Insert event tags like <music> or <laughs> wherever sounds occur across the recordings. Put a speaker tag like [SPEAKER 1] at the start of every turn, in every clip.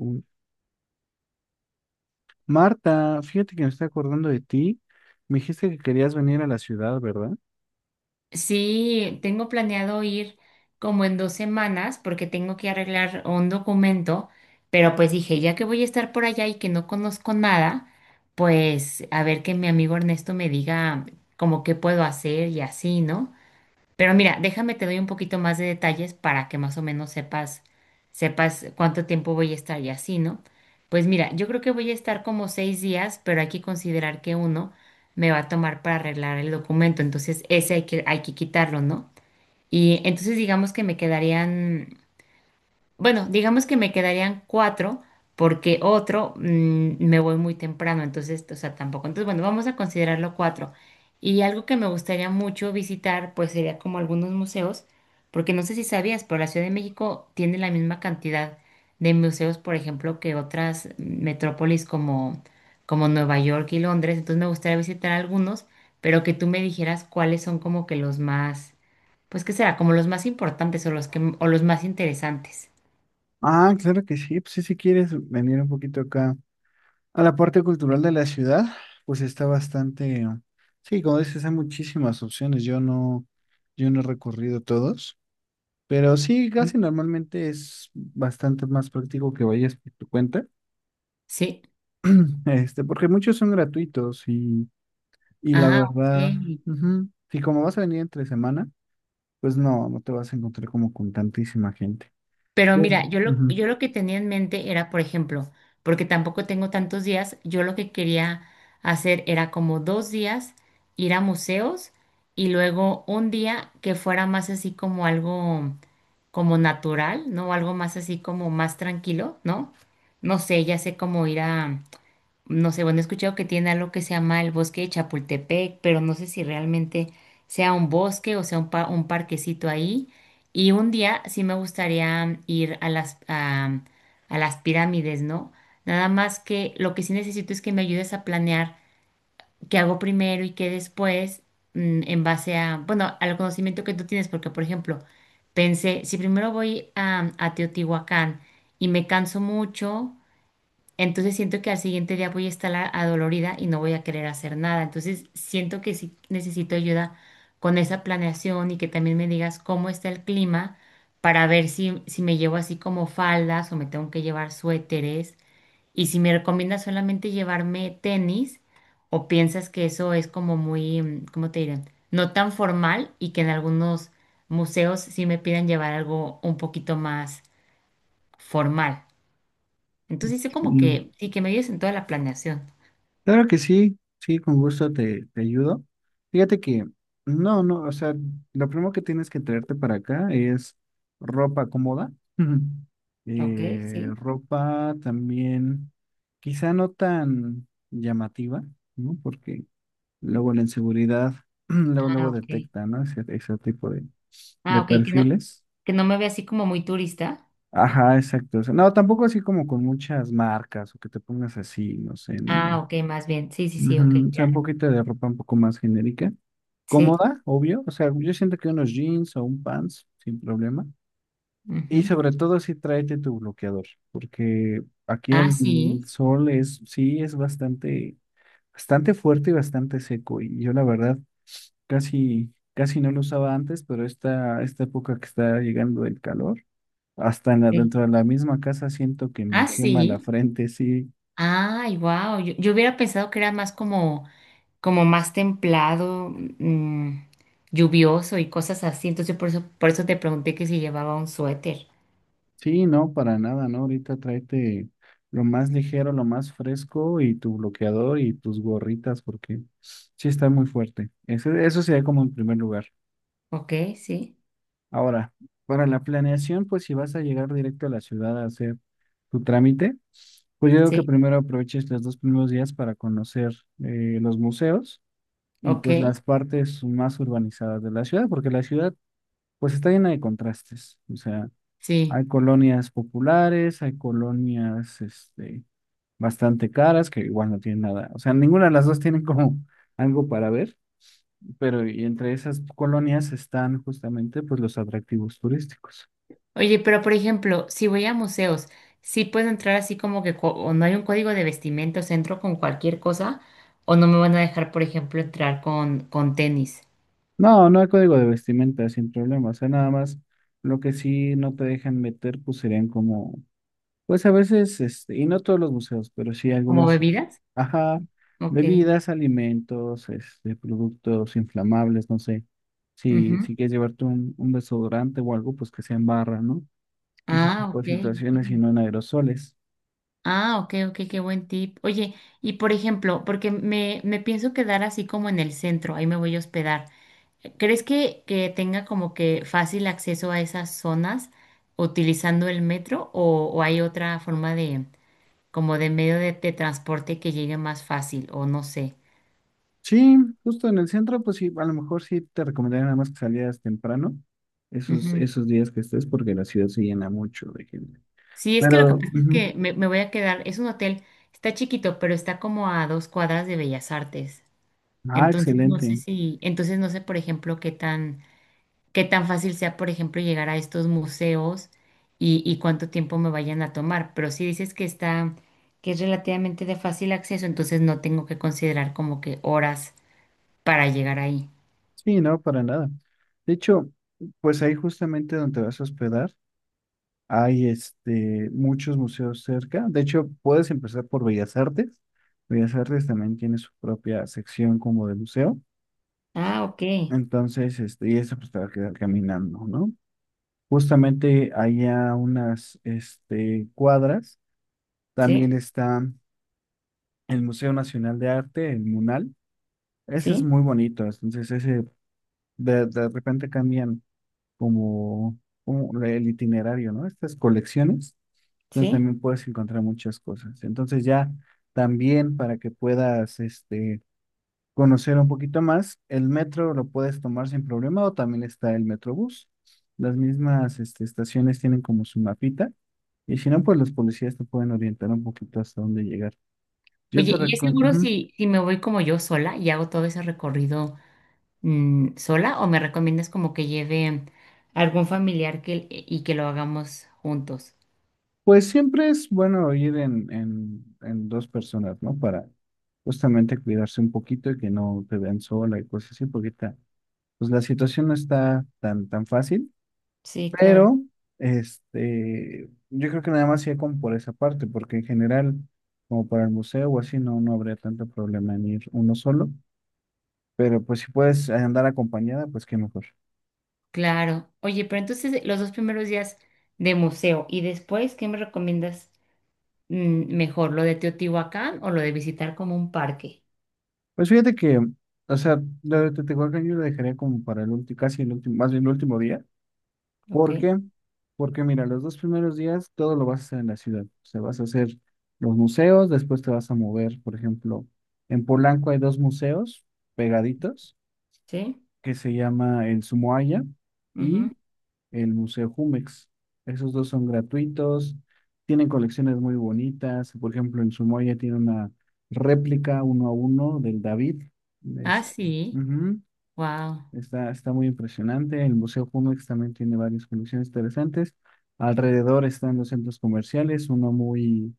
[SPEAKER 1] Mm. Marta, fíjate que me estoy acordando de ti. Me dijiste que querías venir a la ciudad, ¿verdad?
[SPEAKER 2] Sí, tengo planeado ir como en 2 semanas porque tengo que arreglar un documento, pero pues dije, ya que voy a estar por allá y que no conozco nada, pues a ver que mi amigo Ernesto me diga como qué puedo hacer y así, ¿no? Pero mira, déjame te doy un poquito más de detalles para que más o menos sepas cuánto tiempo voy a estar y así, ¿no? Pues mira, yo creo que voy a estar como 6 días, pero hay que considerar que uno me va a tomar para arreglar el documento, entonces ese hay que quitarlo, ¿no? Y entonces digamos que me quedarían bueno, digamos que me quedarían cuatro porque otro me voy muy temprano, entonces, o sea, tampoco. Entonces, bueno, vamos a considerarlo cuatro. Y algo que me gustaría mucho visitar, pues sería como algunos museos, porque no sé si sabías, pero la Ciudad de México tiene la misma cantidad de museos, por ejemplo, que otras metrópolis como Nueva York y Londres. Entonces, me gustaría visitar algunos, pero que tú me dijeras cuáles son como que los más, pues, ¿qué será? Como los más importantes o los que, o los más interesantes.
[SPEAKER 1] Ah, claro que sí. Pues sí, si quieres venir un poquito acá a la parte cultural de la ciudad, pues está bastante. Sí, como dices, hay muchísimas opciones. Yo no he recorrido todos, pero sí, casi normalmente es bastante más práctico que vayas por tu cuenta,
[SPEAKER 2] Sí.
[SPEAKER 1] <clears throat> este, porque muchos son gratuitos y la
[SPEAKER 2] Ah,
[SPEAKER 1] verdad,
[SPEAKER 2] ok.
[SPEAKER 1] ujú. Si como vas a venir entre semana, pues no, no te vas a encontrar como con tantísima gente.
[SPEAKER 2] Pero
[SPEAKER 1] Ujú.
[SPEAKER 2] mira,
[SPEAKER 1] Ujú.
[SPEAKER 2] yo lo que tenía en mente era, por ejemplo, porque tampoco tengo tantos días, yo lo que quería hacer era como 2 días ir a museos y luego un día que fuera más así como algo como natural, ¿no? Algo más así como más tranquilo, ¿no? No sé, ya sé cómo ir a... No sé, bueno, he escuchado que tiene algo que se llama el bosque de Chapultepec, pero no sé si realmente sea un bosque o sea un, un parquecito ahí. Y un día sí me gustaría ir a a las pirámides, ¿no? Nada más que lo que sí necesito es que me ayudes a planear qué hago primero y qué después, en base a, bueno, al conocimiento que tú tienes, porque, por ejemplo, pensé, si primero voy a Teotihuacán y me canso mucho entonces siento que al siguiente día voy a estar adolorida y no voy a querer hacer nada. Entonces siento que sí necesito ayuda con esa planeación y que también me digas cómo está el clima para ver si me llevo así como faldas o me tengo que llevar suéteres. Y si me recomiendas solamente llevarme tenis o piensas que eso es como muy, ¿cómo te diré? No tan formal y que en algunos museos sí me pidan llevar algo un poquito más formal. Entonces hice como
[SPEAKER 1] Y
[SPEAKER 2] que, sí, que me ayudes en toda la planeación.
[SPEAKER 1] claro que sí, sí, con gusto te ayudo. Fíjate que, no, no, o sea, lo primero que tienes que traerte para acá es ropa cómoda. Ujú. <laughs>
[SPEAKER 2] Ok, sí.
[SPEAKER 1] Ropa también quizá no tan llamativa, ¿no? Porque luego la inseguridad, <clears throat> luego,
[SPEAKER 2] Ah,
[SPEAKER 1] luego
[SPEAKER 2] ok.
[SPEAKER 1] detecta, ¿no?, ese tipo de,
[SPEAKER 2] Ah, ok,
[SPEAKER 1] perfiles.
[SPEAKER 2] que no me vea así como muy turista.
[SPEAKER 1] Ajá, exacto. O sea, no, tampoco así como con muchas marcas o que te pongas así, no sé, ¿no?
[SPEAKER 2] Ah, ok, más bien. Sí, sí, sí, ok,
[SPEAKER 1] Ujú. O sea, un
[SPEAKER 2] claro.
[SPEAKER 1] poquito de ropa un poco más genérica.
[SPEAKER 2] Sí.
[SPEAKER 1] Cómoda, obvio. O sea, yo siento que unos jeans o un pants, sin problema. Y
[SPEAKER 2] Ujú.
[SPEAKER 1] sobre todo si tráete tu bloqueador, porque aquí
[SPEAKER 2] Ah,
[SPEAKER 1] el
[SPEAKER 2] sí.
[SPEAKER 1] sol es, sí, es bastante, bastante fuerte y bastante seco. Y yo la verdad casi, casi no lo usaba antes, pero esta época que está llegando el calor, hasta en
[SPEAKER 2] Sí.
[SPEAKER 1] dentro de la misma casa siento que
[SPEAKER 2] Ah,
[SPEAKER 1] me quema la
[SPEAKER 2] sí.
[SPEAKER 1] frente, sí,
[SPEAKER 2] Ay, wow. Yo hubiera pensado que era más como, como más templado, mm, lluvioso y cosas así. Entonces por eso te pregunté que si llevaba un suéter.
[SPEAKER 1] sí, no, para nada, ¿no? Ahorita tráete lo más ligero, lo más fresco y tu bloqueador y tus gorritas porque sí está muy fuerte. Eso sería como en primer lugar.
[SPEAKER 2] Ok, sí,
[SPEAKER 1] Ahora, para la planeación, pues si vas a llegar directo a la ciudad a hacer tu trámite, pues yo digo que
[SPEAKER 2] sí,
[SPEAKER 1] primero aproveches los dos primeros días para conocer los museos y
[SPEAKER 2] ok,
[SPEAKER 1] pues las partes más urbanizadas de la ciudad, porque la ciudad pues está llena de contrastes. O sea,
[SPEAKER 2] sí.
[SPEAKER 1] hay colonias populares, hay colonias, este, bastante caras, que igual no tienen nada. O sea, ninguna de las dos tienen como <laughs> algo para ver, pero y entre esas colonias están justamente, pues, los atractivos turísticos.
[SPEAKER 2] Oye, pero por ejemplo, si voy a museos, ¿sí puedo entrar así como que co- o no hay un código de vestimenta, o sea, entro con cualquier cosa, o no me van a dejar, por ejemplo, entrar con tenis?
[SPEAKER 1] No, no hay código de vestimenta, sin problema. O sea, nada más lo que sí no te dejan meter, pues serían como... Pues a veces, este, y no todos los museos, pero sí
[SPEAKER 2] ¿Como No.
[SPEAKER 1] algunos,
[SPEAKER 2] bebidas?
[SPEAKER 1] ajá,
[SPEAKER 2] Ok.
[SPEAKER 1] bebidas, alimentos, este, productos inflamables, no sé. Si,
[SPEAKER 2] Ujú.
[SPEAKER 1] si quieres llevarte un, desodorante o algo, pues que sea en barra, ¿no? Ese
[SPEAKER 2] Ah,
[SPEAKER 1] tipo
[SPEAKER 2] ok.
[SPEAKER 1] de situaciones y
[SPEAKER 2] Ok.
[SPEAKER 1] no en aerosoles.
[SPEAKER 2] Ah, ok, ok, qué buen tip. Oye, y por ejemplo, porque me pienso quedar así como en el centro, ahí me voy a hospedar. ¿Crees que tenga como que fácil acceso a esas zonas utilizando el metro o hay otra forma de... como de medio de transporte que llegue más fácil o no sé.
[SPEAKER 1] Sí, justo en el centro, pues sí, a lo mejor sí te recomendaría nada más que salieras temprano, esos,
[SPEAKER 2] Ujú.
[SPEAKER 1] esos días que estés, porque la ciudad se llena mucho de gente.
[SPEAKER 2] Sí, es que lo que
[SPEAKER 1] Pero,
[SPEAKER 2] pasa es
[SPEAKER 1] ujú.
[SPEAKER 2] que me voy a quedar, es un hotel, está chiquito, pero está como a 2 cuadras de Bellas Artes.
[SPEAKER 1] Ah,
[SPEAKER 2] Entonces no sé
[SPEAKER 1] excelente.
[SPEAKER 2] si, entonces no sé, por ejemplo, qué tan fácil sea, por ejemplo, llegar a estos museos y cuánto tiempo me vayan a tomar. Pero si dices que está, que es relativamente de fácil acceso, entonces no tengo que considerar como que horas para llegar ahí.
[SPEAKER 1] Sí, no, para nada. De hecho, pues ahí justamente donde vas a hospedar, hay este, muchos museos cerca. De hecho, puedes empezar por Bellas Artes. Bellas Artes también tiene su propia sección como de museo.
[SPEAKER 2] Ah, ok.
[SPEAKER 1] Entonces, este, y eso pues te va a quedar caminando, ¿no? Justamente allá unas este, cuadras, también
[SPEAKER 2] Sí,
[SPEAKER 1] está el Museo Nacional de Arte, el MUNAL. Ese es
[SPEAKER 2] sí,
[SPEAKER 1] muy bonito. Entonces, ese de repente cambian como, como el itinerario, ¿no?, estas colecciones, entonces
[SPEAKER 2] sí.
[SPEAKER 1] también puedes encontrar muchas cosas. Entonces ya también para que puedas este, conocer un poquito más, el metro lo puedes tomar sin problema o también está el Metrobús. Las mismas este, estaciones tienen como su mapita y si no, pues los policías te pueden orientar un poquito hasta dónde llegar. Yo
[SPEAKER 2] Oye,
[SPEAKER 1] te
[SPEAKER 2] ¿y es seguro
[SPEAKER 1] recomiendo...
[SPEAKER 2] si me voy como yo sola y hago todo ese recorrido sola o me recomiendas como que lleve algún familiar que, e, y que lo hagamos juntos?
[SPEAKER 1] Pues siempre es bueno ir en dos personas, ¿no? Para justamente cuidarse un poquito y que no te vean sola y cosas así, porque pues la situación no está tan, tan fácil,
[SPEAKER 2] Sí, claro.
[SPEAKER 1] pero este, yo creo que nada más iría como por esa parte, porque en general, como para el museo o así, no, no habría tanto problema en ir uno solo, pero pues si puedes andar acompañada, pues qué mejor.
[SPEAKER 2] Claro. Oye, pero entonces los 2 primeros días de museo y después, ¿qué me recomiendas mejor? ¿Lo de Teotihuacán o lo de visitar como un parque?
[SPEAKER 1] Pues fíjate que, o sea, lo de Teotihuacán yo lo dejaría como para el último, casi el último, más bien el último día.
[SPEAKER 2] ¿Ok?
[SPEAKER 1] ¿Por qué? Porque mira, los dos primeros días todo lo vas a hacer en la ciudad. O sea, vas a hacer los museos, después te vas a mover. Por ejemplo, en Polanco hay dos museos pegaditos
[SPEAKER 2] ¿Sí?
[SPEAKER 1] que se llama el Sumoaya
[SPEAKER 2] Ujú.
[SPEAKER 1] y el Museo Jumex. Esos dos son gratuitos, tienen colecciones muy bonitas. Por ejemplo, el Sumoaya tiene una réplica uno a uno del David.
[SPEAKER 2] Ah,
[SPEAKER 1] Este,
[SPEAKER 2] sí.
[SPEAKER 1] ujú.
[SPEAKER 2] Wow.
[SPEAKER 1] Está muy impresionante. El Museo Jumex también tiene varias colecciones interesantes. Alrededor están los centros comerciales, uno muy,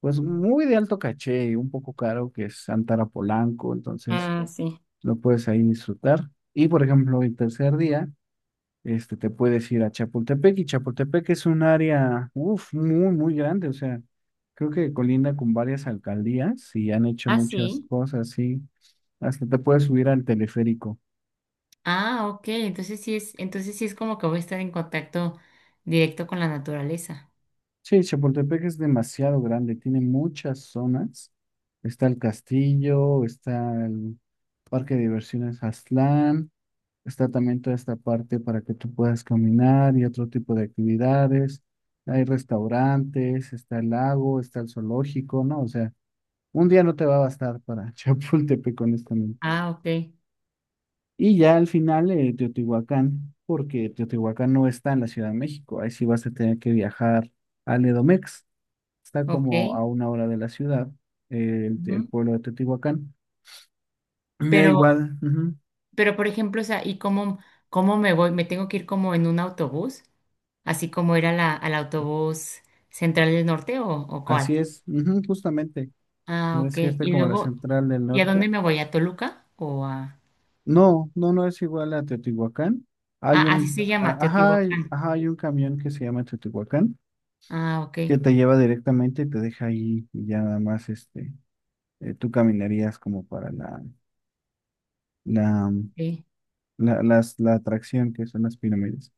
[SPEAKER 1] pues muy de alto caché y un poco caro, que es Antara Polanco, entonces
[SPEAKER 2] Ah, sí.
[SPEAKER 1] lo puedes ahí disfrutar. Y por ejemplo, el tercer día, este, te puedes ir a Chapultepec y Chapultepec es un área, uf, muy, muy grande, o sea, creo que colinda con varias alcaldías y han hecho
[SPEAKER 2] Ah,
[SPEAKER 1] muchas
[SPEAKER 2] sí.
[SPEAKER 1] cosas, sí. Hasta te puedes subir al teleférico.
[SPEAKER 2] Ah, ok, entonces sí es como que voy a estar en contacto directo con la naturaleza.
[SPEAKER 1] Sí, Chapultepec es demasiado grande, tiene muchas zonas. Está el castillo, está el parque de diversiones Aztlán, está también toda esta parte para que tú puedas caminar y otro tipo de actividades. Hay restaurantes, está el lago, está el zoológico, ¿no? O sea, un día no te va a bastar para <laughs> Chapultepec, honestamente.
[SPEAKER 2] Ah, ok,
[SPEAKER 1] Y ya al final, Teotihuacán, porque Teotihuacán no está en la Ciudad de México, ahí sí vas a tener que viajar al Edomex. Está
[SPEAKER 2] ok.
[SPEAKER 1] como a una hora de la ciudad, el
[SPEAKER 2] Ujú.
[SPEAKER 1] pueblo de Teotihuacán. <clears throat> Ya
[SPEAKER 2] Pero,
[SPEAKER 1] igual, ujú.
[SPEAKER 2] pero por ejemplo, o sea, ¿y cómo, cómo me voy? ¿Me tengo que ir como en un autobús? ¿Así como era la, al autobús central del norte o cuál?
[SPEAKER 1] Así es, ujú, justamente.
[SPEAKER 2] Ah,
[SPEAKER 1] No
[SPEAKER 2] ok.
[SPEAKER 1] Es que está
[SPEAKER 2] Y
[SPEAKER 1] como la
[SPEAKER 2] luego,
[SPEAKER 1] central del
[SPEAKER 2] ¿y a dónde
[SPEAKER 1] norte.
[SPEAKER 2] me voy? ¿A Toluca o a...?
[SPEAKER 1] No, no, no es igual a Teotihuacán.
[SPEAKER 2] Ah,
[SPEAKER 1] Hay
[SPEAKER 2] así
[SPEAKER 1] un,
[SPEAKER 2] se llama,
[SPEAKER 1] a-
[SPEAKER 2] Teotihuacán.
[SPEAKER 1] ajá, hay un camión que se llama Teotihuacán
[SPEAKER 2] Ah, ok,
[SPEAKER 1] que te lleva directamente y te deja ahí y ya nada más este, tú caminarías como para la,
[SPEAKER 2] ok.
[SPEAKER 1] la atracción que son las pirámides.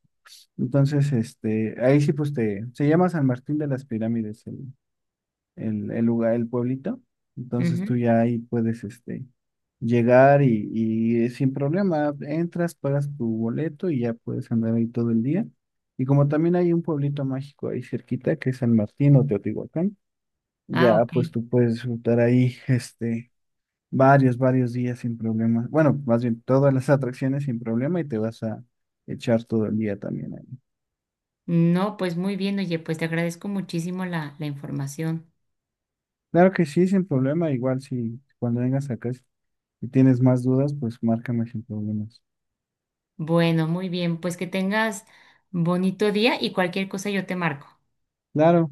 [SPEAKER 1] Entonces, este, ahí sí, pues se llama San Martín de las Pirámides, el lugar, el pueblito. Entonces tú
[SPEAKER 2] Ujú.
[SPEAKER 1] ya ahí puedes este, llegar y sin problema entras, pagas tu boleto y ya puedes andar ahí todo el día. Y como también hay un pueblito mágico ahí cerquita que es San Martín o Teotihuacán,
[SPEAKER 2] Ah,
[SPEAKER 1] ya
[SPEAKER 2] ok.
[SPEAKER 1] pues tú puedes disfrutar ahí este, varios días sin problema. Bueno, más bien todas las atracciones sin problema y te vas a echar todo el día también ahí.
[SPEAKER 2] No, pues muy bien, oye, pues te agradezco muchísimo la información.
[SPEAKER 1] Claro que sí, sin problema. Igual cuando vengas acá, si tienes más dudas, pues márcame sin problemas.
[SPEAKER 2] Bueno, muy bien, pues que tengas bonito día y cualquier cosa yo te marco.
[SPEAKER 1] Claro.